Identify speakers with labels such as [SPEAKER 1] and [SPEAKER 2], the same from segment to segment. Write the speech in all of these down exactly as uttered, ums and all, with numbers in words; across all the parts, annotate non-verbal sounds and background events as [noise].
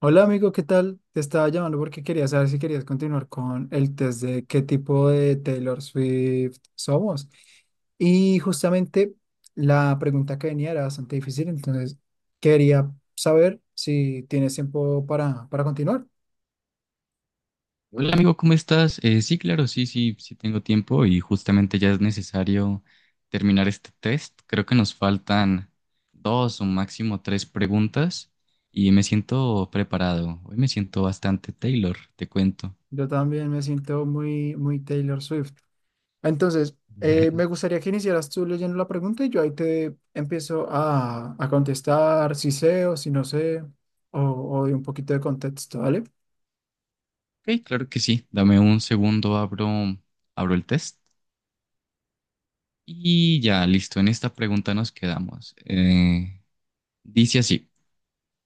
[SPEAKER 1] Hola amigo, ¿qué tal? Te estaba llamando porque quería saber si querías continuar con el test de qué tipo de Taylor Swift somos. Y justamente la pregunta que venía era bastante difícil, entonces quería saber si tienes tiempo para, para continuar.
[SPEAKER 2] Hola amigo, ¿cómo estás? Eh, sí, claro, sí, sí, sí tengo tiempo y justamente ya es necesario terminar este test. Creo que nos faltan dos o máximo tres preguntas y me siento preparado. Hoy me siento bastante Taylor, te cuento.
[SPEAKER 1] Yo también me siento muy, muy Taylor Swift. Entonces, eh, me
[SPEAKER 2] [laughs]
[SPEAKER 1] gustaría que iniciaras tú leyendo la pregunta y yo ahí te empiezo a, a contestar si sé o si no sé, o, o de un poquito de contexto, ¿vale?
[SPEAKER 2] Ok, claro que sí. Dame un segundo, abro, abro el test y ya, listo. En esta pregunta nos quedamos. Eh, dice así,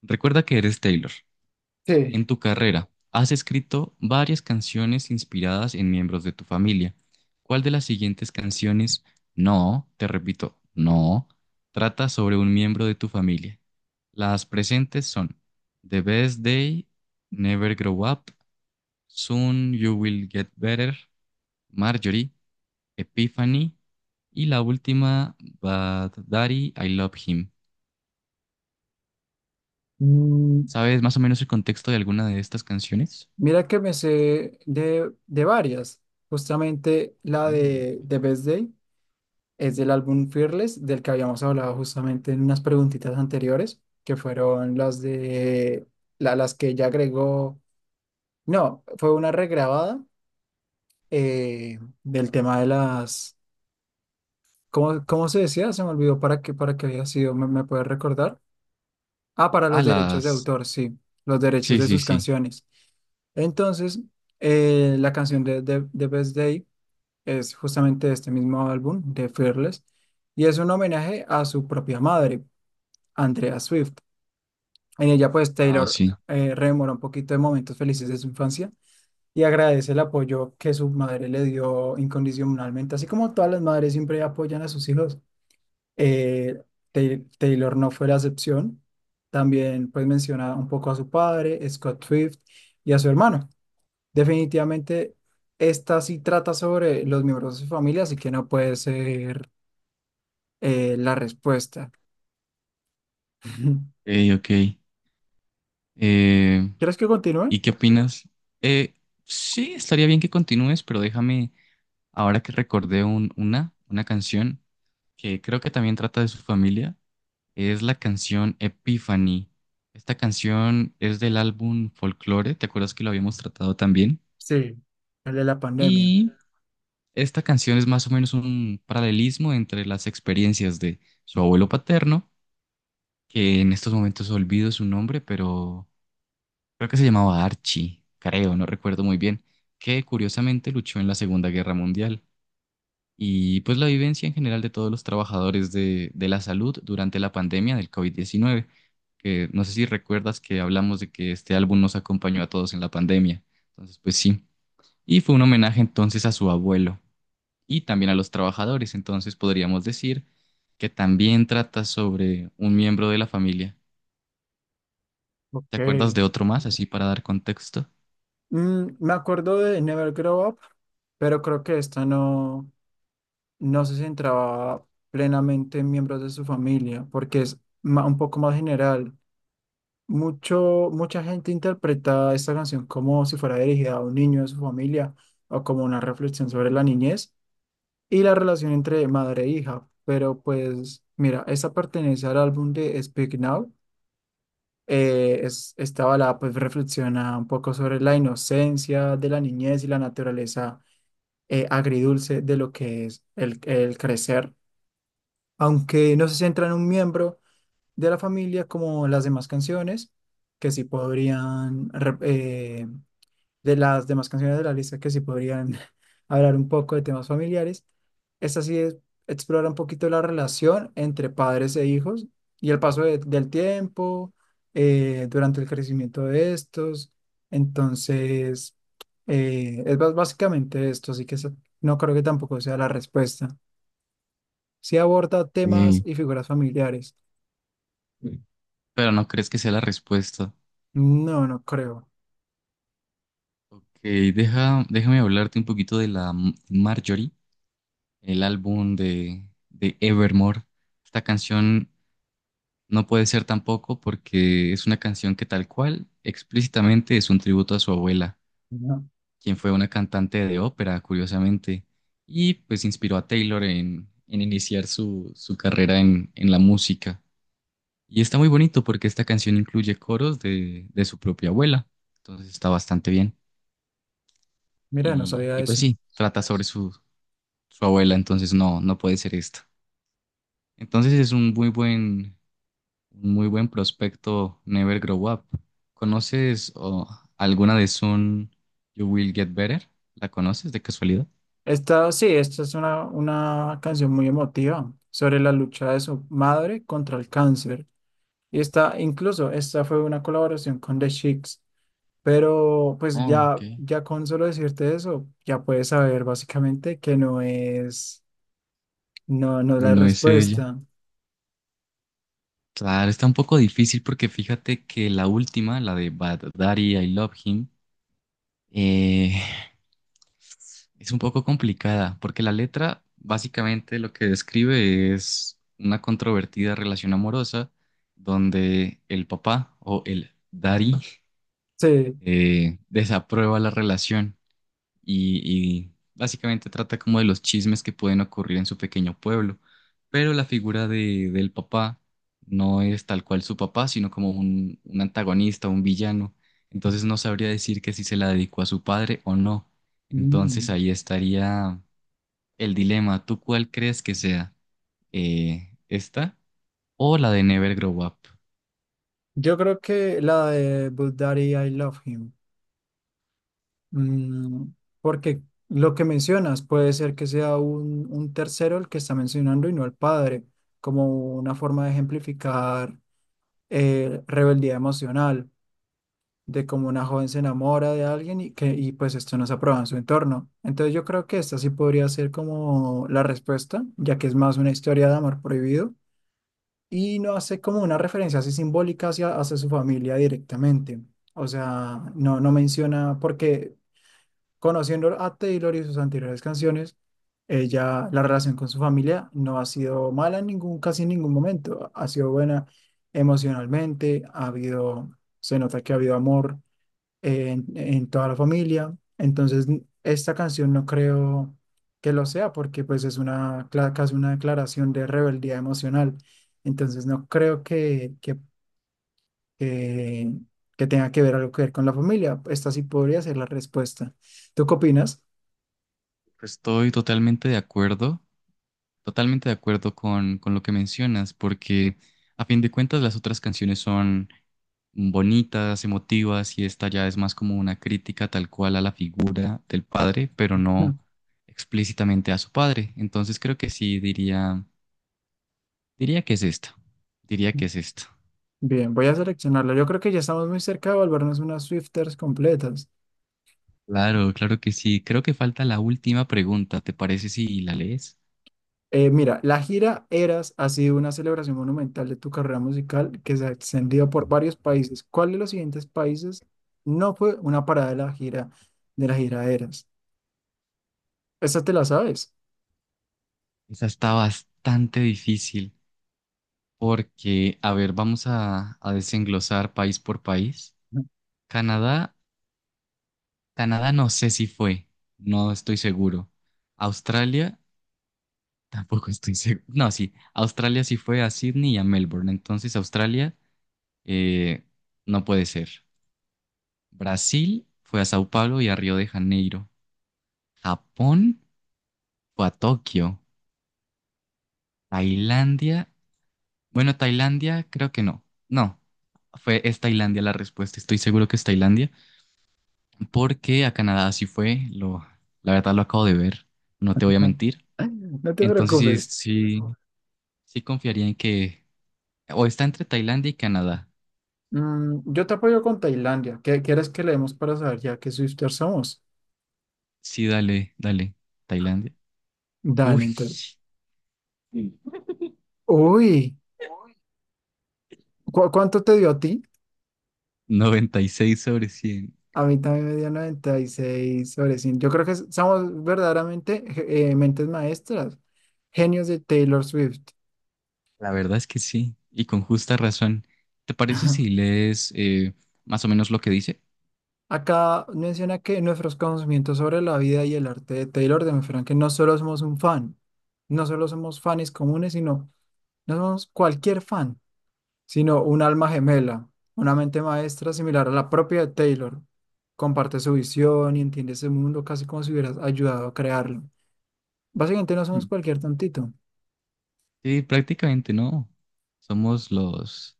[SPEAKER 2] recuerda que eres Taylor.
[SPEAKER 1] Sí.
[SPEAKER 2] En tu carrera, has escrito varias canciones inspiradas en miembros de tu familia. ¿Cuál de las siguientes canciones, no, te repito, no, trata sobre un miembro de tu familia? Las presentes son The Best Day, Never Grow Up, Soon You Will Get Better, Marjorie, Epiphany y la última, Bad Daddy, I Love Him.
[SPEAKER 1] Mm,
[SPEAKER 2] ¿Sabes más o menos el contexto de alguna de estas canciones?
[SPEAKER 1] Mira que me sé de, de varias. Justamente la
[SPEAKER 2] Sí,
[SPEAKER 1] de
[SPEAKER 2] ok.
[SPEAKER 1] de Best Day es del álbum Fearless, del que habíamos hablado justamente en unas preguntitas anteriores, que fueron las de la- las que ella agregó. No, fue una regrabada eh, del tema de las. ¿Cómo, cómo se decía? Se me olvidó para qué, para qué había sido. ¿Me, me puedes recordar? Ah, para
[SPEAKER 2] Ah,
[SPEAKER 1] los derechos de
[SPEAKER 2] las.
[SPEAKER 1] autor, sí, los derechos
[SPEAKER 2] Sí,
[SPEAKER 1] de
[SPEAKER 2] sí,
[SPEAKER 1] sus
[SPEAKER 2] sí.
[SPEAKER 1] canciones. Entonces, eh, la canción de, de, de Best Day es justamente de este mismo álbum, de Fearless, y es un homenaje a su propia madre, Andrea Swift. En ella, pues,
[SPEAKER 2] Wow,
[SPEAKER 1] Taylor
[SPEAKER 2] sí. Ok,
[SPEAKER 1] eh, rememora un poquito de momentos felices de su infancia y agradece el apoyo que su madre le dio incondicionalmente, así como todas las madres siempre apoyan a sus hijos. Eh, Tay- Taylor no fue la excepción. También pues menciona un poco a su padre, Scott Swift, y a su hermano. Definitivamente esta sí trata sobre los miembros de su familia, así que no puede ser eh, la respuesta. [laughs]
[SPEAKER 2] ok. Eh,
[SPEAKER 1] ¿Quieres que continúe?
[SPEAKER 2] ¿Y qué opinas? Eh, sí, estaría bien que continúes, pero déjame, ahora que recordé un- una, una canción que creo que también trata de su familia, es la canción Epiphany. Esta canción es del álbum Folklore, ¿te acuerdas que lo habíamos tratado también?
[SPEAKER 1] Sí, el de la pandemia.
[SPEAKER 2] Y esta canción es más o menos un paralelismo entre las experiencias de su abuelo paterno, que en estos momentos olvido su nombre, pero creo que se llamaba Archie, creo, no recuerdo muy bien, que curiosamente luchó en la Segunda Guerra Mundial. Y pues la vivencia en general de todos los trabajadores de, de la salud durante la pandemia del covid diecinueve, que no sé si recuerdas que hablamos de que este álbum nos acompañó a todos en la pandemia. Entonces, pues sí. Y fue un homenaje entonces a su abuelo y también a los trabajadores. Entonces podríamos decir que también trata sobre un miembro de la familia.
[SPEAKER 1] Ok.
[SPEAKER 2] ¿Te acuerdas de otro más, así para dar contexto?
[SPEAKER 1] Mm, me acuerdo de Never Grow Up, pero creo que esta no, no se centraba plenamente en miembros de su familia, porque es ma- un poco más general. Mucho, mucha gente interpreta esta canción como si fuera dirigida a un niño de su familia o como una reflexión sobre la niñez y la relación entre madre e hija. Pero pues mira, esta pertenece al álbum de Speak Now. Eh, es, esta balada pues reflexiona un poco sobre la inocencia de la niñez y la naturaleza eh, agridulce de lo que es el, el crecer. Aunque no se centra en un miembro de la familia como las demás canciones, que sí podrían, rep- eh, de las demás canciones de la lista, que sí podrían [laughs] hablar un poco de temas familiares. Esta sí es- explora un poquito la relación entre padres e hijos y el paso de- del tiempo, eh, durante el crecimiento de estos. Entonces, eh, es bas- básicamente esto, así que eso no creo que tampoco sea la respuesta. Si aborda temas
[SPEAKER 2] Sí,
[SPEAKER 1] y figuras familiares.
[SPEAKER 2] pero no crees que sea la respuesta.
[SPEAKER 1] No, no creo.
[SPEAKER 2] Ok, deja, déjame hablarte un poquito de la M- Marjorie, el álbum de, de Evermore. Esta canción no puede ser tampoco porque es una canción que tal cual explícitamente es un tributo a su abuela, quien fue una cantante de ópera, curiosamente, y pues inspiró a Taylor en, en iniciar su, su carrera en, en la música. Y está muy bonito porque esta canción incluye coros de, de su propia abuela, entonces está bastante bien.
[SPEAKER 1] Mira, no
[SPEAKER 2] Y,
[SPEAKER 1] sabía
[SPEAKER 2] y pues
[SPEAKER 1] eso.
[SPEAKER 2] sí, trata sobre su, su abuela, entonces no, no puede ser esto. Entonces es un muy buen, un muy buen prospecto Never Grow Up. ¿Conoces o, alguna de Soon You Will Get Better? ¿La conoces de casualidad?
[SPEAKER 1] Esta, sí, esta es una, una canción muy emotiva sobre la lucha de su madre contra el cáncer. Y esta, incluso, esta fue una colaboración con The Chicks. Pero pues
[SPEAKER 2] Ah, ok.
[SPEAKER 1] ya, ya con solo decirte eso, ya puedes saber básicamente que no es, no, no es
[SPEAKER 2] Y
[SPEAKER 1] la
[SPEAKER 2] no es ella.
[SPEAKER 1] respuesta.
[SPEAKER 2] Claro, está un poco difícil porque fíjate que la última, la de Bad Daddy, I Love Him, eh, es un poco complicada, porque la letra básicamente lo que describe es una controvertida relación amorosa donde el papá o el daddy
[SPEAKER 1] Sí.
[SPEAKER 2] eh, desaprueba la relación y, y básicamente trata como de los chismes que pueden ocurrir en su pequeño pueblo. Pero la figura de, del papá no es tal cual su papá, sino como un, un antagonista, un villano. Entonces no sabría decir que si se la dedicó a su padre o no. Entonces
[SPEAKER 1] Mm.
[SPEAKER 2] ahí estaría el dilema, ¿tú cuál crees que sea? Eh, ¿esta o la de Never Grow Up?
[SPEAKER 1] Yo creo que la de But Daddy, I Love Him. Mm, porque lo que mencionas puede ser que sea un, un tercero el que está mencionando y no el padre, como una forma de ejemplificar eh, rebeldía emocional, de cómo una joven se enamora de alguien y que y pues esto no se aprueba en su entorno. Entonces yo creo que esta sí podría ser como la respuesta, ya que es más una historia de amor prohibido y no hace como una referencia así simbólica hacia, hacia su familia directamente. O sea, no, no menciona porque conociendo a Taylor y sus anteriores canciones, ella, la relación con su familia no ha sido mala en ningún, casi en ningún momento. Ha sido buena emocionalmente, ha habido, se nota que ha habido amor en, en toda la familia. Entonces, n- esta canción no creo que lo sea porque pues es una, cla- casi una declaración de rebeldía emocional. Entonces, no creo que, que, que, que tenga que ver algo que ver con la familia. Esta sí podría ser la respuesta. ¿Tú qué opinas?
[SPEAKER 2] Estoy totalmente de acuerdo, totalmente de acuerdo con, con lo que mencionas, porque a fin de cuentas las otras canciones son bonitas, emotivas, y esta ya es más como una crítica tal cual a la figura del padre, pero no explícitamente a su padre. Entonces creo que sí, diría, diría que es esta, diría que es esta.
[SPEAKER 1] Bien, voy a seleccionarlo. Yo creo que ya estamos muy cerca de volvernos unas Swifters completas.
[SPEAKER 2] Claro, claro que sí. Creo que falta la última pregunta. ¿Te parece si la lees?
[SPEAKER 1] Eh, mira, la gira Eras ha sido una celebración monumental de tu carrera musical que se ha extendido por varios países. ¿Cuál de los siguientes países no fue una parada de la gira de la gira Eras? Esta te la sabes.
[SPEAKER 2] Esa está bastante difícil porque, a ver, vamos a, a desenglosar país por país. Canadá, Canadá no sé si fue, no estoy seguro. Australia, [laughs] tampoco estoy seguro. No, sí, Australia sí fue a Sydney y a Melbourne, entonces Australia eh, no puede ser. Brasil fue a Sao Paulo y a Río de Janeiro. Japón fue a Tokio. Tailandia. Bueno, Tailandia, creo que no. No, fue, es Tailandia la respuesta. Estoy seguro que es Tailandia, porque a Canadá sí fue. Lo, la verdad lo acabo de ver. No te voy a
[SPEAKER 1] [laughs]
[SPEAKER 2] mentir.
[SPEAKER 1] No te
[SPEAKER 2] Entonces sí,
[SPEAKER 1] preocupes.
[SPEAKER 2] sí, sí confiaría en que o está entre Tailandia y Canadá.
[SPEAKER 1] Mm, yo te apoyo con Tailandia. ¿Qué quieres que leemos para saber ya qué Swifters somos?
[SPEAKER 2] Sí, dale, dale, Tailandia.
[SPEAKER 1] Dale,
[SPEAKER 2] Uy,
[SPEAKER 1] entonces. Uy, ¿cu- cuánto te dio a ti?
[SPEAKER 2] noventa y seis sobre cien.
[SPEAKER 1] A mí también me dio noventa y seis sobre cien. Yo creo que s- somos verdaderamente eh, mentes maestras, genios de Taylor Swift.
[SPEAKER 2] La verdad es que sí, y con justa razón. ¿Te parece si
[SPEAKER 1] [laughs]
[SPEAKER 2] lees eh, más o menos lo que dice?
[SPEAKER 1] Acá menciona que nuestros conocimientos sobre la vida y el arte de Taylor demuestran que no solo somos un fan, no solo somos fans comunes, sino no somos cualquier fan, sino un alma gemela, una mente maestra similar a la propia de Taylor. Comparte su visión y entiende ese mundo casi como si hubieras ayudado a crearlo. Básicamente no somos
[SPEAKER 2] Mm.
[SPEAKER 1] cualquier tontito.
[SPEAKER 2] Sí, prácticamente no. Somos los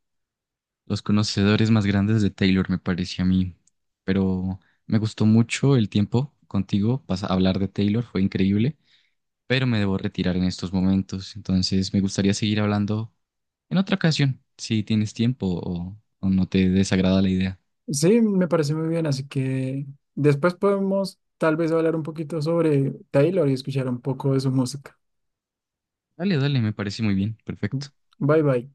[SPEAKER 2] los conocedores más grandes de Taylor, me pareció a mí. Pero me gustó mucho el tiempo contigo, pas- hablar de Taylor, fue increíble, pero me debo retirar en estos momentos, entonces me gustaría seguir hablando en otra ocasión, si tienes tiempo o, o no te desagrada la idea.
[SPEAKER 1] Sí, me parece muy bien, así que después podemos tal vez hablar un poquito sobre Taylor y escuchar un poco de su música.
[SPEAKER 2] Dale, dale, me parece muy bien, perfecto.
[SPEAKER 1] Bye bye.